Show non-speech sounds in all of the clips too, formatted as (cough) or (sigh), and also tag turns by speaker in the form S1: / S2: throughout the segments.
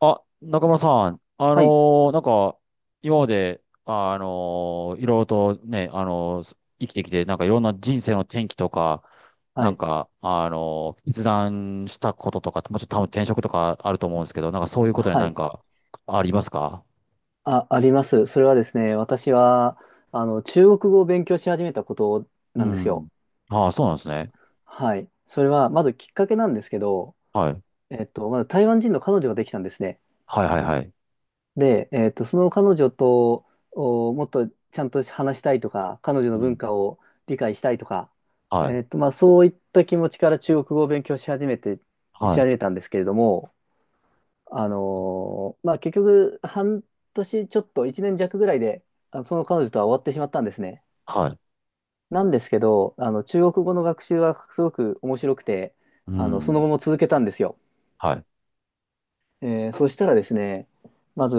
S1: あ、中村さん、
S2: はい。
S1: ーなんか、今まで、いろいろとね、生きてきて、なんかいろんな人生の転機とか、
S2: は
S1: なん
S2: い。
S1: か、決断したこととか、もちろん多分転職とかあると思うんですけど、なんかそういうことで
S2: は
S1: 何
S2: い。
S1: かありますか？
S2: あ、あります。それはですね、私は、中国語を勉強し始めたことな
S1: う
S2: んです
S1: ん。
S2: よ。
S1: ああ、そうなんですね。
S2: はい。それは、まずきっかけなんですけど、
S1: はい。
S2: まず台湾人の彼女ができたんですね。
S1: はいはいはい。
S2: で、その彼女と、もっとちゃんと話したいとか、彼女
S1: う
S2: の文
S1: ん。
S2: 化を理解したいとか、
S1: はい。
S2: まあ、そういった気持ちから中国語を勉強し始めて、し
S1: は
S2: 始
S1: い。
S2: めたんですけれども、まあ結局、半年ちょっと、一年弱ぐらいで、その彼女とは終わってしまったんですね。
S1: はい。
S2: なんですけど、中国語の学習はすごく面白くて、
S1: う
S2: その
S1: ん。
S2: 後も続けたんですよ。
S1: はい。
S2: そしたらですね、まず、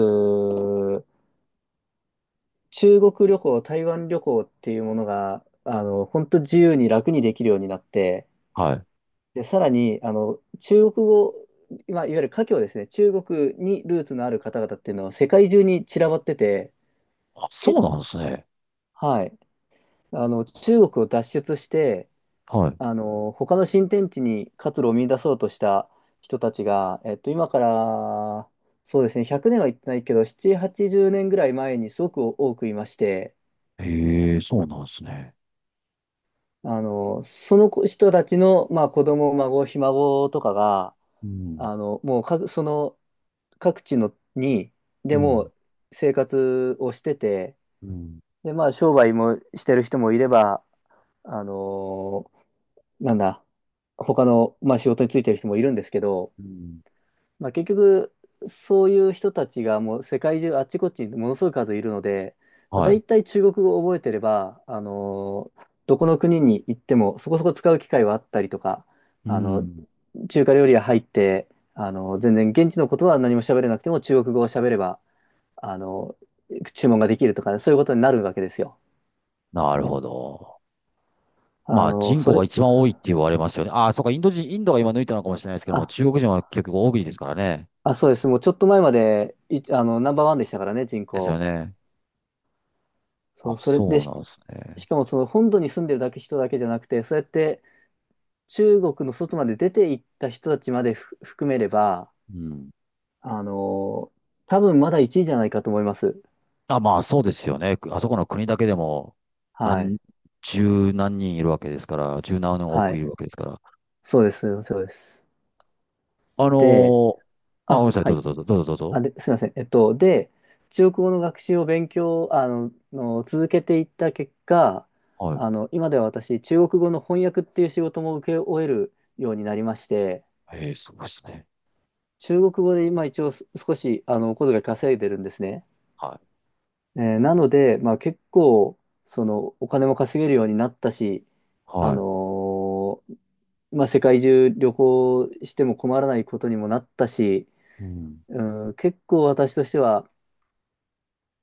S2: 中国旅行、台湾旅行っていうものが、本当自由に楽にできるようになって、
S1: はい。
S2: で、さらに、中国語、まあ、いわゆる華僑ですね、中国にルーツのある方々っていうのは世界中に散らばってて、
S1: あ、そ
S2: 結
S1: うなんですね。
S2: はい。中国を脱出して、
S1: はい。
S2: 他の新天地に活路を見出そうとした人たちが、今から、そうですね、100年は言ってないけど、7、80年ぐらい前にすごく多くいまして、
S1: へえ、そうなんですね。
S2: その人たちの、まあ、子供、孫、ひ孫とかが、
S1: うん。
S2: もう各、各地のに、
S1: う
S2: でも
S1: ん。
S2: う生活をしてて、
S1: うん。
S2: で、まあ、商売もしてる人もいれば、あのなんだ、他の、まあ、仕事についてる人もいるんですけど、
S1: うん
S2: まあ、結局、そういう人たちがもう世界中あっちこっちにものすごい数いるので、まあ、
S1: は
S2: 大
S1: い。
S2: 体中国語を覚えてれば、どこの国に行ってもそこそこ使う機会はあったりとか、
S1: う
S2: あの、
S1: ん。
S2: 中華料理屋入って、全然現地のことは何も喋れなくても中国語を喋れば、あの、注文ができるとか、そういうことになるわけですよ。
S1: なるほど。
S2: あ
S1: まあ
S2: の、
S1: 人
S2: そ
S1: 口が
S2: れ、
S1: 一番多いって言われますよね。ああ、そうか、インド人、インドが今抜いたのかもしれないですけど
S2: あ
S1: も、中国人は結局多いですからね。
S2: あ、そうです。もうちょっと前まで、い、あの、ナンバーワンでしたからね、人
S1: ですよ
S2: 口。
S1: ね。
S2: そ
S1: あ、
S2: う、それで
S1: そう
S2: し、
S1: なんですね。
S2: しかもその本土に住んでるだけ人だけじゃなくて、そうやって中国の外まで出て行った人たちまで含めれば、
S1: うん。
S2: あのー多分まだ1位じゃないかと思います。
S1: あ、まあそうですよね。あそこの国だけでも、
S2: はい。
S1: 何、十何人いるわけですから、十何
S2: は
S1: 億い
S2: い。
S1: るわけですから。
S2: そうです。そうです。
S1: あの
S2: で、
S1: ーあ、ごめん
S2: あ、
S1: なさい、
S2: は
S1: ど
S2: い。
S1: うぞどうぞ、どうぞどうぞ。
S2: すいません。中国語の学習を勉強、あの、の続けていった結果、
S1: はい。
S2: 今では私、中国語の翻訳っていう仕事も請け負えるようになりまして、
S1: ええ、すごいですね。
S2: 中国語で今一応少し、お小遣い稼いでるんですね。
S1: はい。
S2: なので、まあ結構、その、お金も稼げるようになったし、あの
S1: は
S2: ーまあ世界中旅行しても困らないことにもなったし、
S1: い。うん。
S2: うん、結構私としては、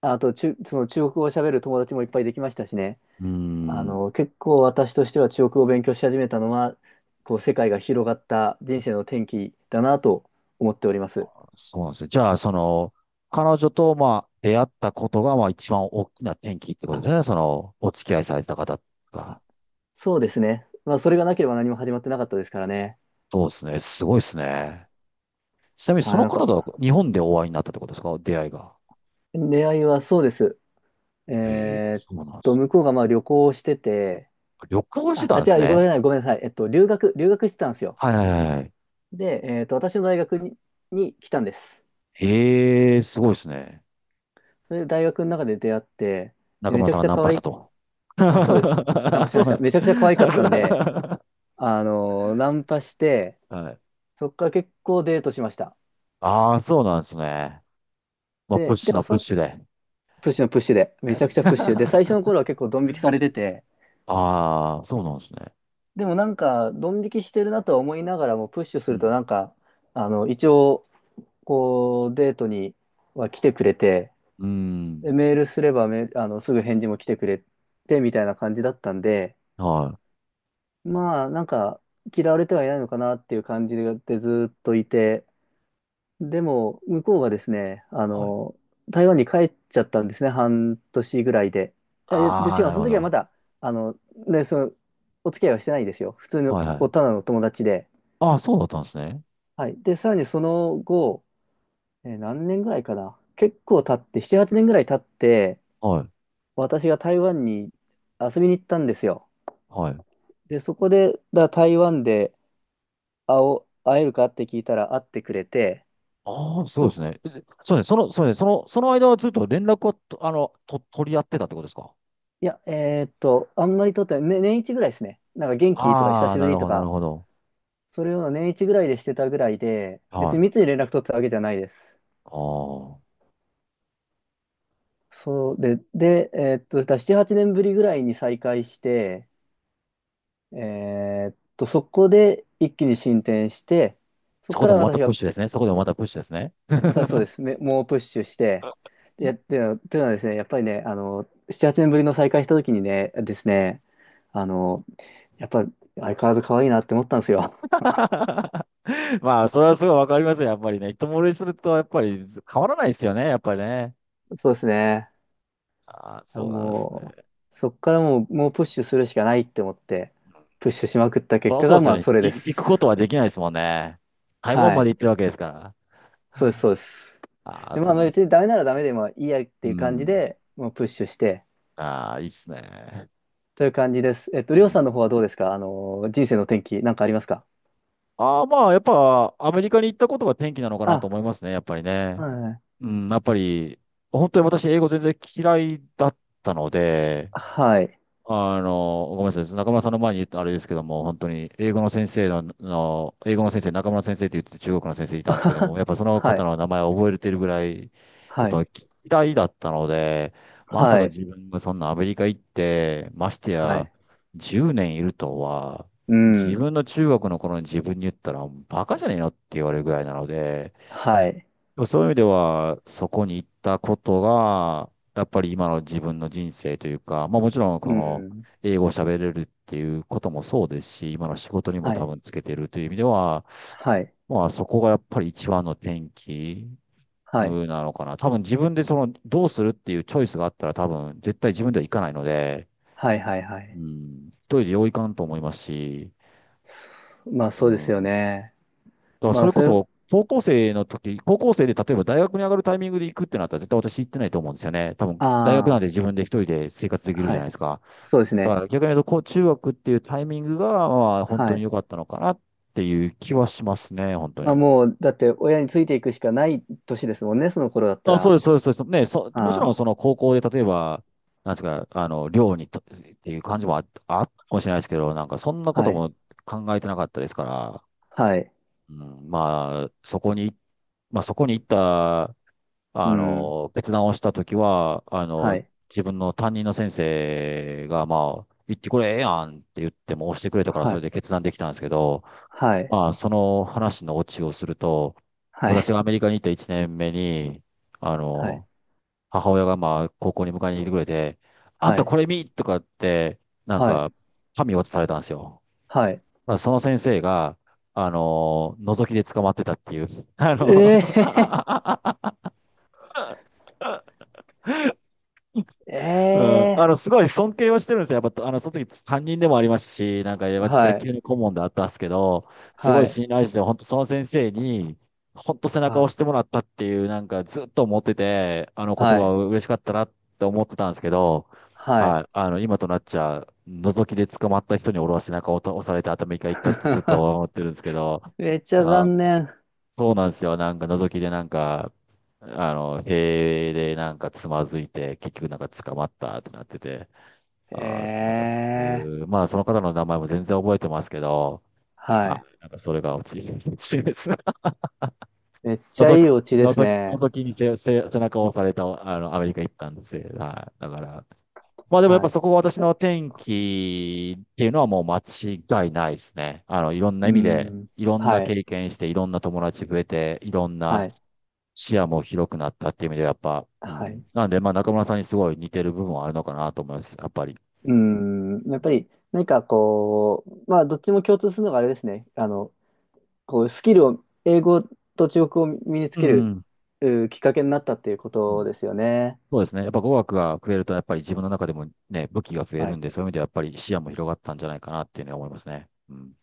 S2: あと、その中国語を喋る友達もいっぱいできましたしね。
S1: うーん。
S2: 結構私としては中国語を勉強し始めたのは、こう、世界が広がった人生の転機だなと思っております。
S1: そうなんですよ。じゃあ、その、彼女と、まあ、出会ったことが、まあ、一番大きな転機ってこと
S2: あ、
S1: ですね。その、お付き合いされてた方が。
S2: あそうですね。まあ、それがなければ何も始まってなかったですからね。
S1: そうですね。すごいです
S2: あ、
S1: ね。ちなみに、そ
S2: はい、
S1: の
S2: なん
S1: 方
S2: か、
S1: とは日本でお会いになったってことですか？出会いが。
S2: 出会いはそうです。
S1: へえ、
S2: えーっ
S1: そうなんです。
S2: 向こうがまあ旅行をしてて、
S1: 旅行してたんです
S2: ご
S1: ね。
S2: めんなさい、ごめんなさい。留学してたんですよ。
S1: はいはいはいはい。
S2: で、私の大学に、来たんです。
S1: へえ、すごいですね。
S2: それで大学の中で出会って、で
S1: 中
S2: め
S1: 村
S2: ちゃ
S1: さん
S2: く
S1: が
S2: ちゃ
S1: ナン
S2: 可
S1: パし
S2: 愛
S1: た
S2: い、
S1: と。(laughs)
S2: あそうです。ナン
S1: あ、
S2: パし
S1: そ
S2: ま
S1: う
S2: し
S1: なん
S2: た。
S1: です
S2: め
S1: か？
S2: ちゃくちゃ可愛かったんで、ナンパして、
S1: (laughs) はい。
S2: そっから結構デートしました。
S1: ああ、そうなんですね。まあ、プッ
S2: で、
S1: シ
S2: で
S1: ュ
S2: も
S1: のプ
S2: そ
S1: ッ
S2: の、
S1: シュで。
S2: プッシュのプッシュで、めちゃくちゃプッシュで、
S1: (laughs)
S2: 最初の頃は結構ドン引きされてて、
S1: ああ、そうなんですね。
S2: でもなんか、ドン引きしてるなとは思いながらも、プッシュす
S1: う
S2: ると
S1: ん。
S2: なんか、一応、こう、デートには来てくれて、
S1: うーん。
S2: でメールすればメ、あの、すぐ返事も来てくれて、みたいな感じだったんで、
S1: はい。
S2: まあ、なんか、嫌われてはいないのかなっていう感じでずっといて、でも、向こうがですね、
S1: はい。
S2: 台湾に帰っちゃったんですね、半年ぐらいで。えで、
S1: ああ、
S2: 違
S1: な
S2: う、
S1: る
S2: そ
S1: ほ
S2: の時はま
S1: ど。
S2: だ、あの、ね、その、お付き合いはしてないですよ。普通の、
S1: はいは
S2: た
S1: い。
S2: だのお友達で。
S1: ああ、そうだったんですね。
S2: はい。で、さらにその後、何年ぐらいかな。結構経って、7、8年ぐらい経って、
S1: はい。
S2: 私が台湾に遊びに行ったんですよ。
S1: はい。
S2: で、そこで、台湾で、会おう、会えるかって聞いたら会ってくれて、
S1: ああ、そう
S2: そ
S1: です
S2: こ
S1: ね。えでそうですね。その、そうですね。その、その間はずっと連絡をと、あの、と、取り合ってたってことですか？
S2: いや、あんまりとってない、ね、年一ぐらいですね。なんか元気とか久
S1: ああ、
S2: しぶ
S1: なる
S2: りと
S1: ほど、なる
S2: か、
S1: ほど。
S2: それを年一ぐらいでしてたぐらいで、別
S1: は
S2: に
S1: い。
S2: 密に連絡取ってたわけじゃないです。
S1: ああ。
S2: そうで、で、えーっと、だから7、8年ぶりぐらいに再会して、えそこで一気に進展して、そ
S1: そ
S2: こ
S1: こ
S2: か
S1: で
S2: ら
S1: もまた
S2: 私
S1: プッ
S2: が、
S1: シュですね。そこでもまたプッシュですね。(laughs)
S2: さそうです、め猛プッシュして、で、っていうのはというのはですね、やっぱりね、7、8年ぶりの再会した時にね、ですね、あの、やっぱ相変わらず可愛いなって思ったんですよ。
S1: まあ、それはすごいわかりますよ。やっぱりね。一目惚れすると、やっぱり変わらないですよね。やっぱりね。
S2: (laughs) そうですね。
S1: ああ、
S2: いや
S1: そうなんですね。
S2: もう、そっからもう、もうプッシュするしかないって思って、プッシュしまくった結
S1: あ、
S2: 果
S1: そうで
S2: が、
S1: す
S2: ま
S1: よ
S2: あ、
S1: ね。
S2: それで
S1: 行くこ
S2: す。
S1: とはできないですもんね。台湾
S2: は
S1: ま
S2: い。
S1: で行ってるわけですから。
S2: そうです、そうです。
S1: ああ、
S2: で、まあ、
S1: そうで
S2: 別
S1: す。
S2: にダメならダメでもいいやって
S1: う
S2: いう感じ
S1: ん。
S2: で、もうプッシュして、
S1: ああ、いいっすね。
S2: という感じです。
S1: う
S2: りょうさんの
S1: ん。
S2: 方はどうですか？人生の転機、なんかありますか？
S1: ああ、まあ、やっぱ、アメリカに行ったことが転機なのかなと
S2: あ、
S1: 思いますね、やっぱり
S2: は
S1: ね。
S2: い。
S1: うん、やっぱり、本当に私、英語全然嫌いだったので、
S2: はい。
S1: あの、ごめんなさい。中村さんの前に言ったあれですけども、本当に英語の先生の、の英語の先生、中村先生って言って中国の先生いた
S2: あ
S1: んです
S2: は
S1: けども、
S2: は。
S1: やっぱその
S2: は
S1: 方
S2: い。
S1: の名前を覚えてるぐらい、やっ
S2: は
S1: ぱ
S2: い。
S1: 嫌いだったので、まさ
S2: は
S1: か
S2: い。
S1: 自分がそんなアメリカ行って、まして
S2: は
S1: や
S2: い。
S1: 10年いるとは、
S2: う
S1: 自
S2: ん。
S1: 分の中学の頃に自分に言ったら、バカじゃねえのって言われるぐらいなので、
S2: はい。
S1: でもそういう意味では、そこに行ったことが、やっぱり今の自分の人生というか、まあもちろん
S2: う
S1: この
S2: ん。
S1: 英語を喋れるっていうこともそうですし、今の仕事にも
S2: は
S1: 多
S2: い。
S1: 分つけてるという意味では、
S2: はい。
S1: まあそこがやっぱり一番の転機
S2: はい。
S1: うんなのかな。多分自分でそのどうするっていうチョイスがあったら多分絶対自分では行かないので、
S2: はいはいは
S1: う
S2: い。
S1: ん、一人でよういかんと思いますし、
S2: そまあ
S1: う
S2: そうですよ
S1: ん
S2: ね。
S1: だから
S2: ま
S1: そ
S2: あ
S1: れ
S2: そ
S1: こ
S2: れ、
S1: そ、高校生の時、高校生で例えば大学に上がるタイミングで行くってなったら絶対私行ってないと思うんですよね。多分、大学なん
S2: あ
S1: て自分で一人で生活でき
S2: あ、
S1: るじ
S2: は
S1: ゃない
S2: い。
S1: ですか。
S2: そうです
S1: だ
S2: ね。
S1: から逆に言うと、こう、中学っていうタイミングが、まあ、本
S2: は
S1: 当に
S2: い。
S1: 良かったのかなっていう気はしますね、本当
S2: まあ
S1: に。
S2: もう、だって親についていくしかない年ですもんね、その頃だった
S1: あ、そう
S2: ら。
S1: です、そうです、そうです。ね、そ、もちろん
S2: あ
S1: その高校で例えば、なんですか、あの、寮にと、っていう感じもあったかもしれないですけど、なんかそんな
S2: あ、
S1: こ
S2: は
S1: と
S2: い。
S1: も考えてなかったですから、
S2: はい。
S1: うん、まあ、そこに、まあそこに行った、
S2: う
S1: あ
S2: ん。
S1: の、決断をしたときは、あ
S2: は
S1: の、
S2: い。
S1: 自分の担任の先生が、まあ、言ってこれええやんって言っても押してくれたから
S2: は
S1: それ
S2: い。
S1: で決断できたんですけど、
S2: はい。
S1: まあ、その話のオチをすると、
S2: は
S1: 私
S2: い。
S1: がアメリカに行った1年目に、あ
S2: はい。
S1: の、母親がまあ、高校に迎えに来てくれて、あん
S2: は
S1: た
S2: い。
S1: これ見とかって、なん
S2: はい。
S1: か、紙渡されたんですよ。
S2: はい。
S1: まあ、その先生が、あの、覗きで捕まってたっていう、あの
S2: ええ
S1: (laughs)
S2: ー、
S1: うん、あ
S2: (laughs) え
S1: の、す
S2: え
S1: ごい尊敬はしてるんですよ。やっぱ、あの、その時担任でもありましたし、なんか、
S2: ー、
S1: 私、野
S2: はい。
S1: 球の顧問であったんですけど、すご
S2: は
S1: い
S2: い。
S1: 信頼して、本当その先生に、本当背中
S2: は
S1: を
S2: い。
S1: 押してもらったっていう、なんか、ずっと思ってて、あの言
S2: は
S1: 葉
S2: い。
S1: は嬉しかったなって思ってたんですけど、
S2: はい。
S1: はい、あの、今となっちゃ、覗きで捕まった人に俺は背中を押されて頭一回いったってずっと
S2: (laughs)
S1: 思ってるんですけど、
S2: めっちゃ
S1: あ、
S2: 残念。
S1: そうなんですよ。なんか、覗きでなんか、あの、塀でなんかつまずいて、結局なんか捕まったってなってて、
S2: え
S1: あー、なんかす、
S2: え
S1: まあその方の名前も全然覚えてますけど、
S2: ー、は
S1: は
S2: い。
S1: い。なんかそれが落ち、落ちです。(laughs)
S2: めっちゃ
S1: 覗
S2: いい
S1: き、
S2: オチですね。
S1: 覗きに背中を押された、あの、アメリカ行ったんですよ。はい。だから。まあでもやっ
S2: は
S1: ぱ
S2: い。
S1: そこは私の天気っていうのはもう間違いないですね。あの、いろんな
S2: う
S1: 意味で、
S2: ん。
S1: いろんな
S2: はい。
S1: 経験して、いろんな友達増えて、いろん
S2: は
S1: な
S2: い。
S1: 視野も広くなったっていう意味ではやっぱ、う
S2: はい。
S1: ん。なんで、まあ中村さんにすごい似てる部分はあるのかなと思います。やっぱり。
S2: うん。やっぱり、何かこう、まあ、どっちも共通するのがあれですね。こう、スキルを、英語と中国語を身につ
S1: う
S2: ける、
S1: ん。
S2: きっかけになったっていうこ
S1: う
S2: と
S1: ん
S2: ですよね。
S1: そうですね。やっぱ語学が増えると、やっぱり自分の中でもね、武器が増え
S2: は
S1: る
S2: い。
S1: んで、そういう意味ではやっぱり視野も広がったんじゃないかなっていうのは思いますね。うん。